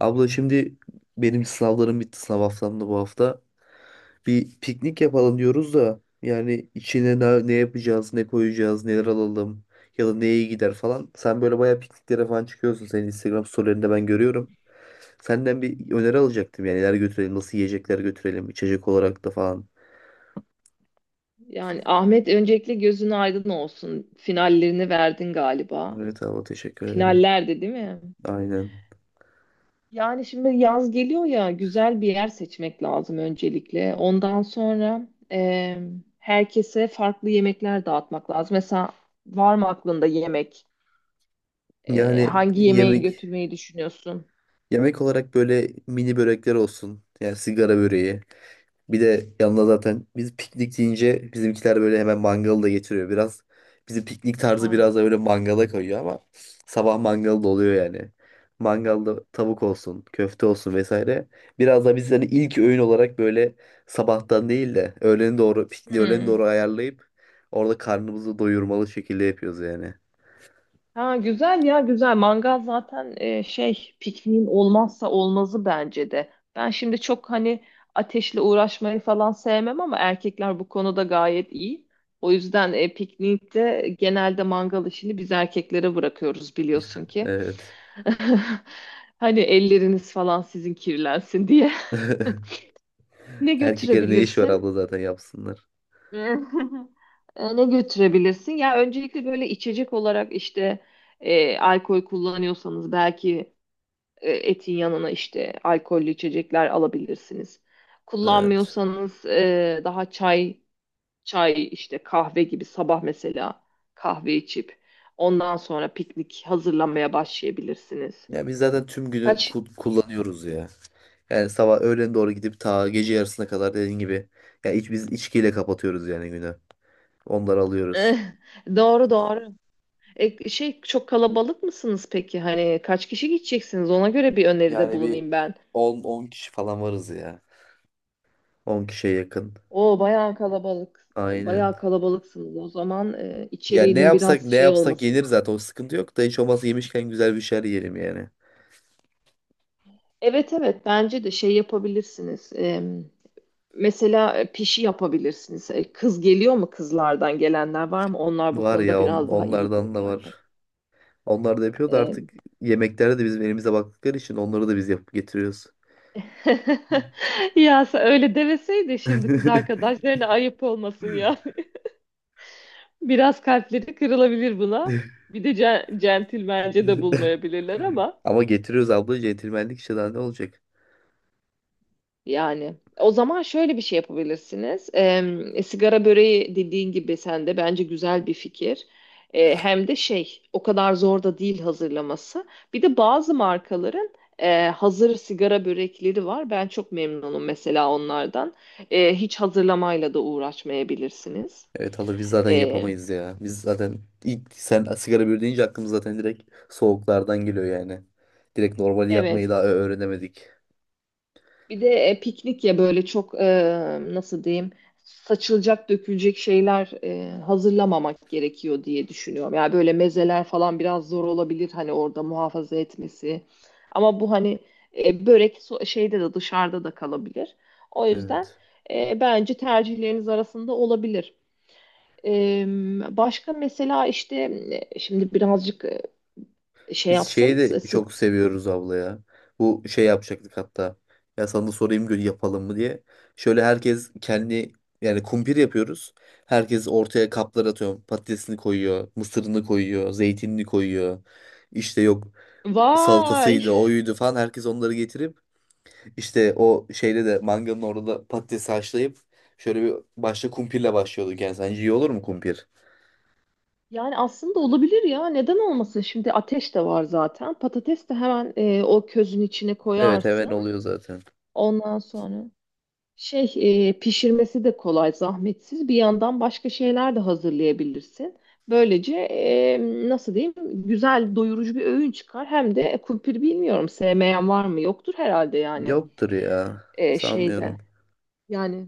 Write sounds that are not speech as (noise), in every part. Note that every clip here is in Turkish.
Abla şimdi benim sınavlarım bitti. Sınav haftam da bu hafta. Bir piknik yapalım diyoruz da yani içine ne yapacağız, ne koyacağız, neler alalım ya da neye iyi gider falan. Sen böyle bayağı pikniklere falan çıkıyorsun. Senin Instagram storylerinde ben görüyorum. Senden bir öneri alacaktım yani neler götürelim, nasıl yiyecekler götürelim, içecek olarak da falan. Yani Ahmet öncelikle gözün aydın olsun. Finallerini verdin galiba. Evet abla, teşekkür ederim. Finallerde değil mi? Aynen. Yani şimdi yaz geliyor ya güzel bir yer seçmek lazım öncelikle. Ondan sonra herkese farklı yemekler dağıtmak lazım. Mesela var mı aklında yemek? Eee, Yani hangi yemeği yemek götürmeyi düşünüyorsun? yemek olarak böyle mini börekler olsun. Yani sigara böreği. Bir de yanına zaten biz piknik deyince bizimkiler böyle hemen mangalı da getiriyor biraz. Bizim piknik tarzı Aa. biraz da böyle mangala kayıyor ama sabah mangalı da oluyor yani. Mangalda tavuk olsun, köfte olsun vesaire. Biraz da biz hani ilk öğün olarak böyle sabahtan değil de öğlene doğru, pikniği öğlene Hmm. doğru ayarlayıp orada karnımızı doyurmalı şekilde yapıyoruz yani. Ha güzel ya güzel. Mangal zaten şey pikniğin olmazsa olmazı bence de. Ben şimdi çok hani ateşle uğraşmayı falan sevmem ama erkekler bu konuda gayet iyi. O yüzden piknikte genelde mangal işini biz erkeklere bırakıyoruz biliyorsun ki. Evet. (laughs) Hani elleriniz falan sizin kirlensin diye. (laughs) (laughs) Ne Erkeklerin ne iş var götürebilirsin? abla, zaten yapsınlar. (laughs) Ne götürebilirsin? Ya öncelikle böyle içecek olarak işte alkol kullanıyorsanız belki etin yanına işte alkollü içecekler alabilirsiniz. Evet. Kullanmıyorsanız daha çay, çay işte kahve gibi sabah mesela kahve içip ondan sonra piknik hazırlamaya başlayabilirsiniz. Ya biz zaten tüm günü Kaç. (laughs) Kullanıyoruz ya. Yani sabah öğlen doğru gidip ta gece yarısına kadar dediğin gibi. Ya biz içkiyle kapatıyoruz yani günü. Onları alıyoruz. Eh, doğru doğru. Şey çok kalabalık mısınız peki? Hani kaç kişi gideceksiniz? Ona göre bir öneride Yani bir bulunayım ben. on kişi falan varız ya. 10 kişiye yakın. O bayağı kalabalık. Aynen. Bayağı kalabalıksınız. O zaman Ya ne içeriğinin yapsak biraz ne şey yapsak olması. yenir zaten, o sıkıntı yok da hiç olmazsa yemişken güzel bir şeyler yiyelim yani. Evet, evet, bence de şey yapabilirsiniz. Mesela pişi yapabilirsiniz. Kız geliyor mu kızlardan gelenler var mı? Onlar bu Var konuda ya biraz daha iyidir onlardan da yani. var. Onlar da yapıyor da Ee, artık yemeklerde de bizim elimize baktıkları için onları da biz yapıp getiriyoruz. (laughs) Ya sen öyle demeseydi şimdi kız (laughs) arkadaşlarına ayıp olmasın yani. (laughs) Biraz kalpleri kırılabilir buna. Bir de centilmence de bulmayabilirler ama. Ama getiriyoruz abla, centilmenlik işte, daha ne olacak? Yani o zaman şöyle bir şey yapabilirsiniz. Sigara böreği dediğin gibi sen de bence güzel bir fikir. Hem de şey o kadar zor da değil hazırlaması. Bir de bazı markaların hazır sigara börekleri var. Ben çok memnunum mesela onlardan. Hiç hazırlamayla da uğraşmayabilirsiniz. Evet alır, biz zaten E, yapamayız ya. Biz zaten ilk sen sigara bir deyince aklımız zaten direkt soğuklardan geliyor yani. Direkt normali yapmayı evet. daha öğrenemedik. Bir de piknik ya böyle çok nasıl diyeyim saçılacak dökülecek şeyler hazırlamamak gerekiyor diye düşünüyorum. Yani böyle mezeler falan biraz zor olabilir hani orada muhafaza etmesi. Ama bu hani börek şeyde de dışarıda da kalabilir. O yüzden Evet. Bence tercihleriniz arasında olabilir. E, başka mesela işte şimdi birazcık şey Biz şeyi yapsanız. de çok seviyoruz abla ya. Bu şey yapacaktık hatta. Ya sana da sorayım yapalım mı diye. Şöyle herkes kendi, yani kumpir yapıyoruz. Herkes ortaya kaplar atıyor. Patatesini koyuyor, mısırını koyuyor, zeytinini koyuyor. İşte yok Vay! salatasıydı, oyuydu falan. Herkes onları getirip, İşte o şeyde de manganın orada patatesi haşlayıp şöyle bir başta kumpirle başlıyorduk yani. Sence iyi olur mu kumpir? Yani aslında olabilir ya. Neden olmasın? Şimdi ateş de var zaten. Patates de hemen o közün içine Evet koyarsın. hemen oluyor zaten. Ondan sonra şey pişirmesi de kolay, zahmetsiz. Bir yandan başka şeyler de hazırlayabilirsin. Böylece nasıl diyeyim? Güzel, doyurucu bir öğün çıkar. Hem de kumpir bilmiyorum sevmeyen var mı? Yoktur herhalde yani Yoktur ya. Şeyde. Sanmıyorum. Yani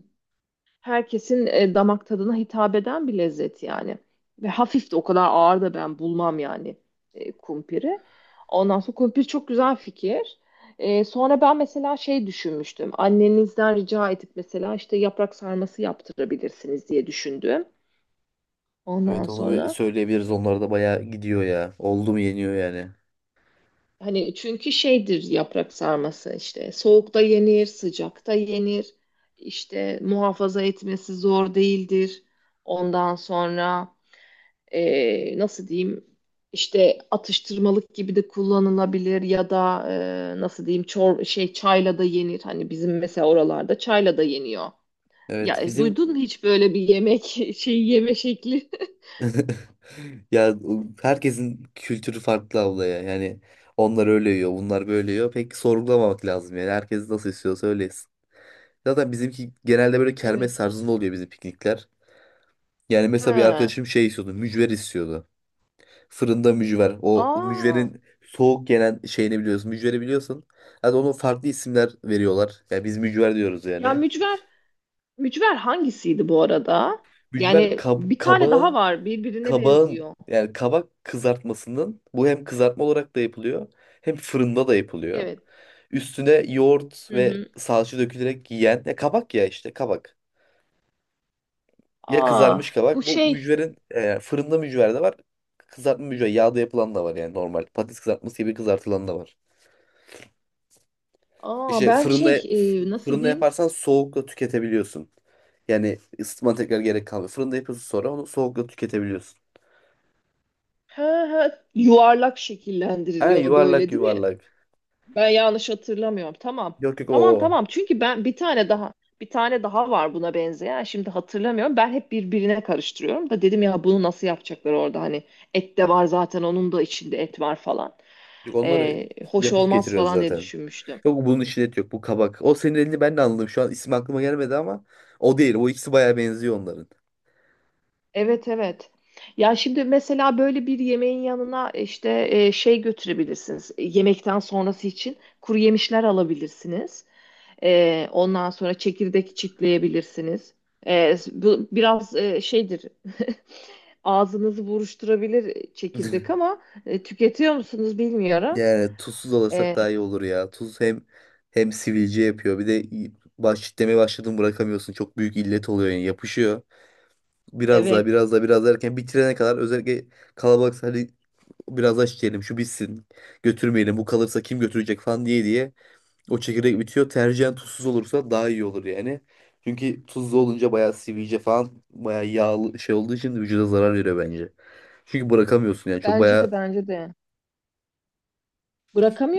herkesin damak tadına hitap eden bir lezzet yani. Ve hafif de o kadar ağır da ben bulmam yani kumpiri. Ondan sonra kumpir çok güzel fikir. Sonra ben mesela şey düşünmüştüm. Annenizden rica edip mesela işte yaprak sarması yaptırabilirsiniz diye düşündüm. Ondan Evet onu bir sonra söyleyebiliriz. Onlar da bayağı gidiyor ya. Oldu mu yeniyor yani. hani çünkü şeydir yaprak sarması işte soğukta yenir, sıcakta yenir. İşte muhafaza etmesi zor değildir. Ondan sonra nasıl diyeyim işte atıştırmalık gibi de kullanılabilir ya da nasıl diyeyim çor şey çayla da yenir. Hani bizim mesela oralarda çayla da yeniyor. Ya Evet bizim. duydun mu hiç böyle bir yemek (laughs) şeyi yeme şekli? (laughs) (laughs) Ya, herkesin kültürü farklı abla ya. Yani onlar öyle yiyor, bunlar böyle yiyor. Pek sorgulamamak lazım yani. Herkes nasıl istiyorsa öyle yesin. Zaten bizimki genelde böyle kermes Evet. tarzında oluyor, bizim piknikler. Yani mesela bir Ha. arkadaşım şey istiyordu. Mücver istiyordu. Fırında mücver. O Aa. mücverin soğuk gelen şeyini biliyorsun. Mücveri biliyorsun. Hadi onun farklı isimler veriyorlar. Yani biz mücver diyoruz Ya yani. mücver hangisiydi bu arada? Mücver Yani bir tane daha kabağın var birbirine kabağın benziyor. yani kabak kızartmasının, bu hem kızartma olarak da yapılıyor hem fırında da yapılıyor. Evet. Üstüne yoğurt Hı ve hı. salça dökülerek yiyen ya kabak ya işte kabak. Ya Aa, kızarmış bu kabak. Bu şey. mücverin fırında mücver de var. Kızartma mücver. Yağda yapılan da var yani normal. Patates kızartması gibi kızartılan da var. Aa İşte ben fırında şey nasıl fırında diyeyim? yaparsan soğukla tüketebiliyorsun. Yani ısıtma tekrar gerek kalmıyor. Fırında yapıyorsun sonra onu soğukla tüketebiliyorsun. He he yuvarlak Ha, şekillendiriliyor yuvarlak böyle değil mi? yuvarlak. Ben yanlış hatırlamıyorum. Tamam. Yok yok Tamam, o. tamam. Çünkü ben bir tane daha var buna benzeyen. Şimdi hatırlamıyorum. Ben hep birbirine karıştırıyorum da dedim ya bunu nasıl yapacaklar orada hani et de var zaten onun da içinde et var falan. Yok, onları Hoş yapıp olmaz getiriyoruz falan diye zaten. düşünmüştüm. Yok, bunun içinde et yok, bu kabak. O senin elini ben de anladım. Şu an isim aklıma gelmedi ama o değil. O ikisi bayağı benziyor onların. Evet, evet. Ya şimdi mesela böyle bir yemeğin yanına işte şey götürebilirsiniz. Yemekten sonrası için kuru yemişler alabilirsiniz. Ondan sonra çekirdek çitleyebilirsiniz. Bu biraz şeydir. (laughs) Ağzınızı buruşturabilir çekirdek (laughs) ama tüketiyor musunuz bilmiyorum. Yani tuzsuz alırsak E, daha iyi olur ya. Tuz hem hem sivilce yapıyor. Bir de demeye başladın, bırakamıyorsun. Çok büyük illet oluyor yani, yapışıyor. Biraz daha evet. biraz daha biraz daha erken bitirene kadar özellikle kalabalıksa, hadi biraz daha içelim şu bitsin. Götürmeyelim, bu kalırsa kim götürecek falan diye diye. O çekirdek bitiyor. Tercihen tuzsuz olursa daha iyi olur yani. Çünkü tuzlu olunca bayağı sivilce falan, bayağı yağlı şey olduğu için vücuda zarar veriyor bence. Çünkü bırakamıyorsun yani, çok Bence de, bayağı bence de.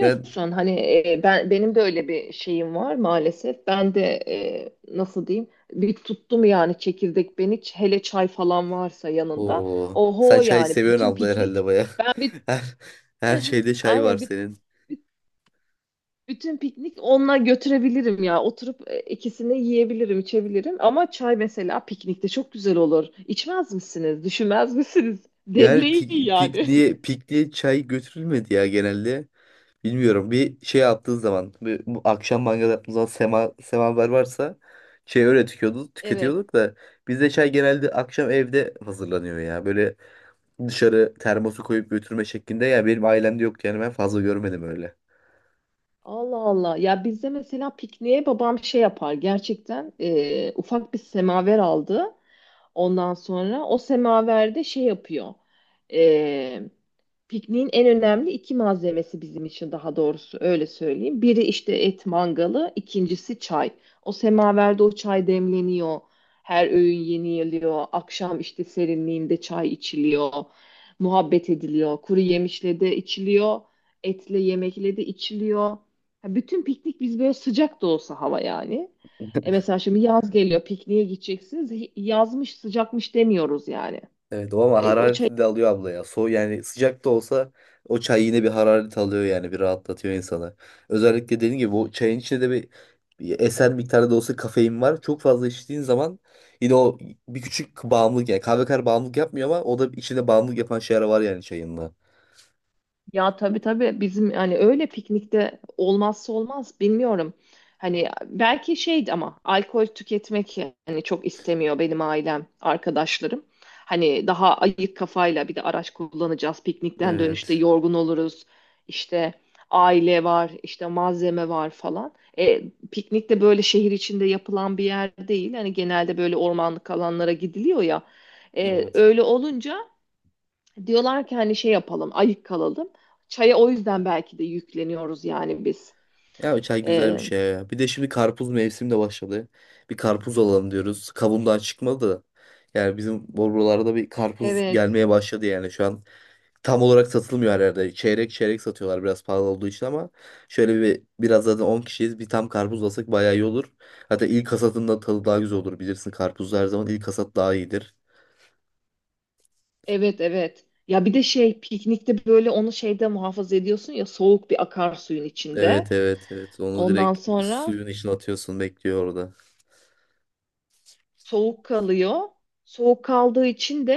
yani. Hani ben benim de öyle bir şeyim var maalesef. Ben de nasıl diyeyim? Bir tuttum yani çekirdek beni. Hele çay falan varsa yanında. Oo, sen Oho çay yani seviyorsun bütün abla herhalde, piknik. baya. Ben bir (laughs) Her, her (laughs) şeyde çay var aynen senin. bütün piknik onunla götürebilirim ya. Oturup ikisini yiyebilirim, içebilirim. Ama çay mesela piknikte çok güzel olur. İçmez misiniz? Düşünmez misiniz? Yani Devleyin pik, yani. pikniğe, pikniğe çay götürülmedi ya genelde. Bilmiyorum, bir şey yaptığın zaman bu akşam mangal yaptığımız zaman semaver varsa şey, öyle tüketiyorduk, (laughs) Evet. tüketiyorduk da bizde çay genelde akşam evde hazırlanıyor ya. Böyle dışarı termosu koyup götürme şeklinde ya benim ailemde yok yani, ben fazla görmedim öyle. Allah Allah. Ya bizde mesela pikniğe babam şey yapar. Gerçekten ufak bir semaver aldı. Ondan sonra o semaverde şey yapıyor. Ee, pikniğin en önemli iki malzemesi bizim için daha doğrusu öyle söyleyeyim. Biri işte et mangalı, ikincisi çay. O semaverde o çay demleniyor. Her öğün yeniliyor. Akşam işte serinliğinde çay içiliyor. Muhabbet ediliyor. Kuru yemişle de içiliyor. Etle yemekle de içiliyor. Ha, bütün piknik biz böyle sıcak da olsa hava yani. Mesela şimdi yaz geliyor, pikniğe gideceksiniz. Yazmış, sıcakmış demiyoruz yani. Evet, o ama E, o harareti de alıyor abla ya. So yani sıcak da olsa o çay yine bir hararet alıyor yani, bir rahatlatıyor insanı. Özellikle dediğim gibi bu çayın içinde de bir eser miktarda da olsa kafein var. Çok fazla içtiğin zaman yine o bir küçük bağımlılık yani, kahve kadar bağımlılık yapmıyor ama o da içinde bağımlılık yapan şeyler var yani çayında. Ya tabii, tabii bizim hani öyle piknikte olmazsa olmaz bilmiyorum. Hani belki şeydi ama alkol tüketmek yani çok istemiyor benim ailem, arkadaşlarım. Hani daha ayık kafayla bir de araç kullanacağız. Piknikten dönüşte Evet. yorgun oluruz. İşte aile var, işte malzeme var falan. Piknik de böyle şehir içinde yapılan bir yer değil. Hani genelde böyle ormanlık alanlara gidiliyor ya. E, Evet. öyle olunca. Diyorlar ki hani şey yapalım, ayık kalalım. Çaya o yüzden belki de yükleniyoruz yani biz. Ya çay güzel bir Ee, şey ya. Bir de şimdi karpuz mevsimi de başladı. Bir karpuz alalım diyoruz. Kabuğundan çıkmadı da. Yani bizim buralarda bir karpuz evet, gelmeye başladı yani şu an, tam olarak satılmıyor her yerde. Çeyrek çeyrek satıyorlar biraz pahalı olduğu için ama şöyle bir biraz, zaten 10 kişiyiz. Bir tam karpuz alsak bayağı iyi olur. Hatta ilk hasatında tadı daha güzel olur, bilirsin. Karpuzda her zaman ilk hasat daha iyidir. evet, evet. Ya bir de şey piknikte böyle onu şeyde muhafaza ediyorsun ya soğuk bir akarsuyun içinde. Evet evet evet. Onu Ondan direkt sonra suyun içine atıyorsun, bekliyor orada. soğuk kalıyor. Soğuk kaldığı için de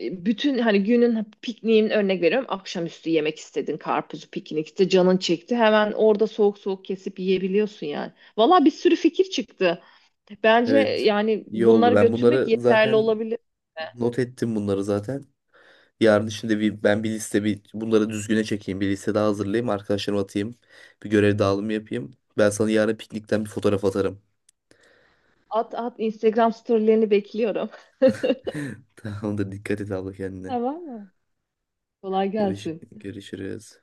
bütün hani günün pikniğin örnek veriyorum akşamüstü yemek istedin karpuzu piknikte canın çekti hemen orada soğuk soğuk kesip yiyebiliyorsun yani. Valla bir sürü fikir çıktı. Bence Evet, yani iyi oldu. bunları Ben götürmek bunları yeterli zaten olabilir. not ettim, bunları zaten. Yarın şimdi ben bir liste bunları düzgüne çekeyim. Bir liste daha hazırlayayım. Arkadaşlarıma atayım. Bir görev dağılımı yapayım. Ben sana yarın piknikten bir fotoğraf atarım. At at Instagram storylerini bekliyorum. (laughs) (laughs) Tamamdır. Dikkat et abla kendine. Tamam mı? Kolay Görüş gelsin. görüşürüz.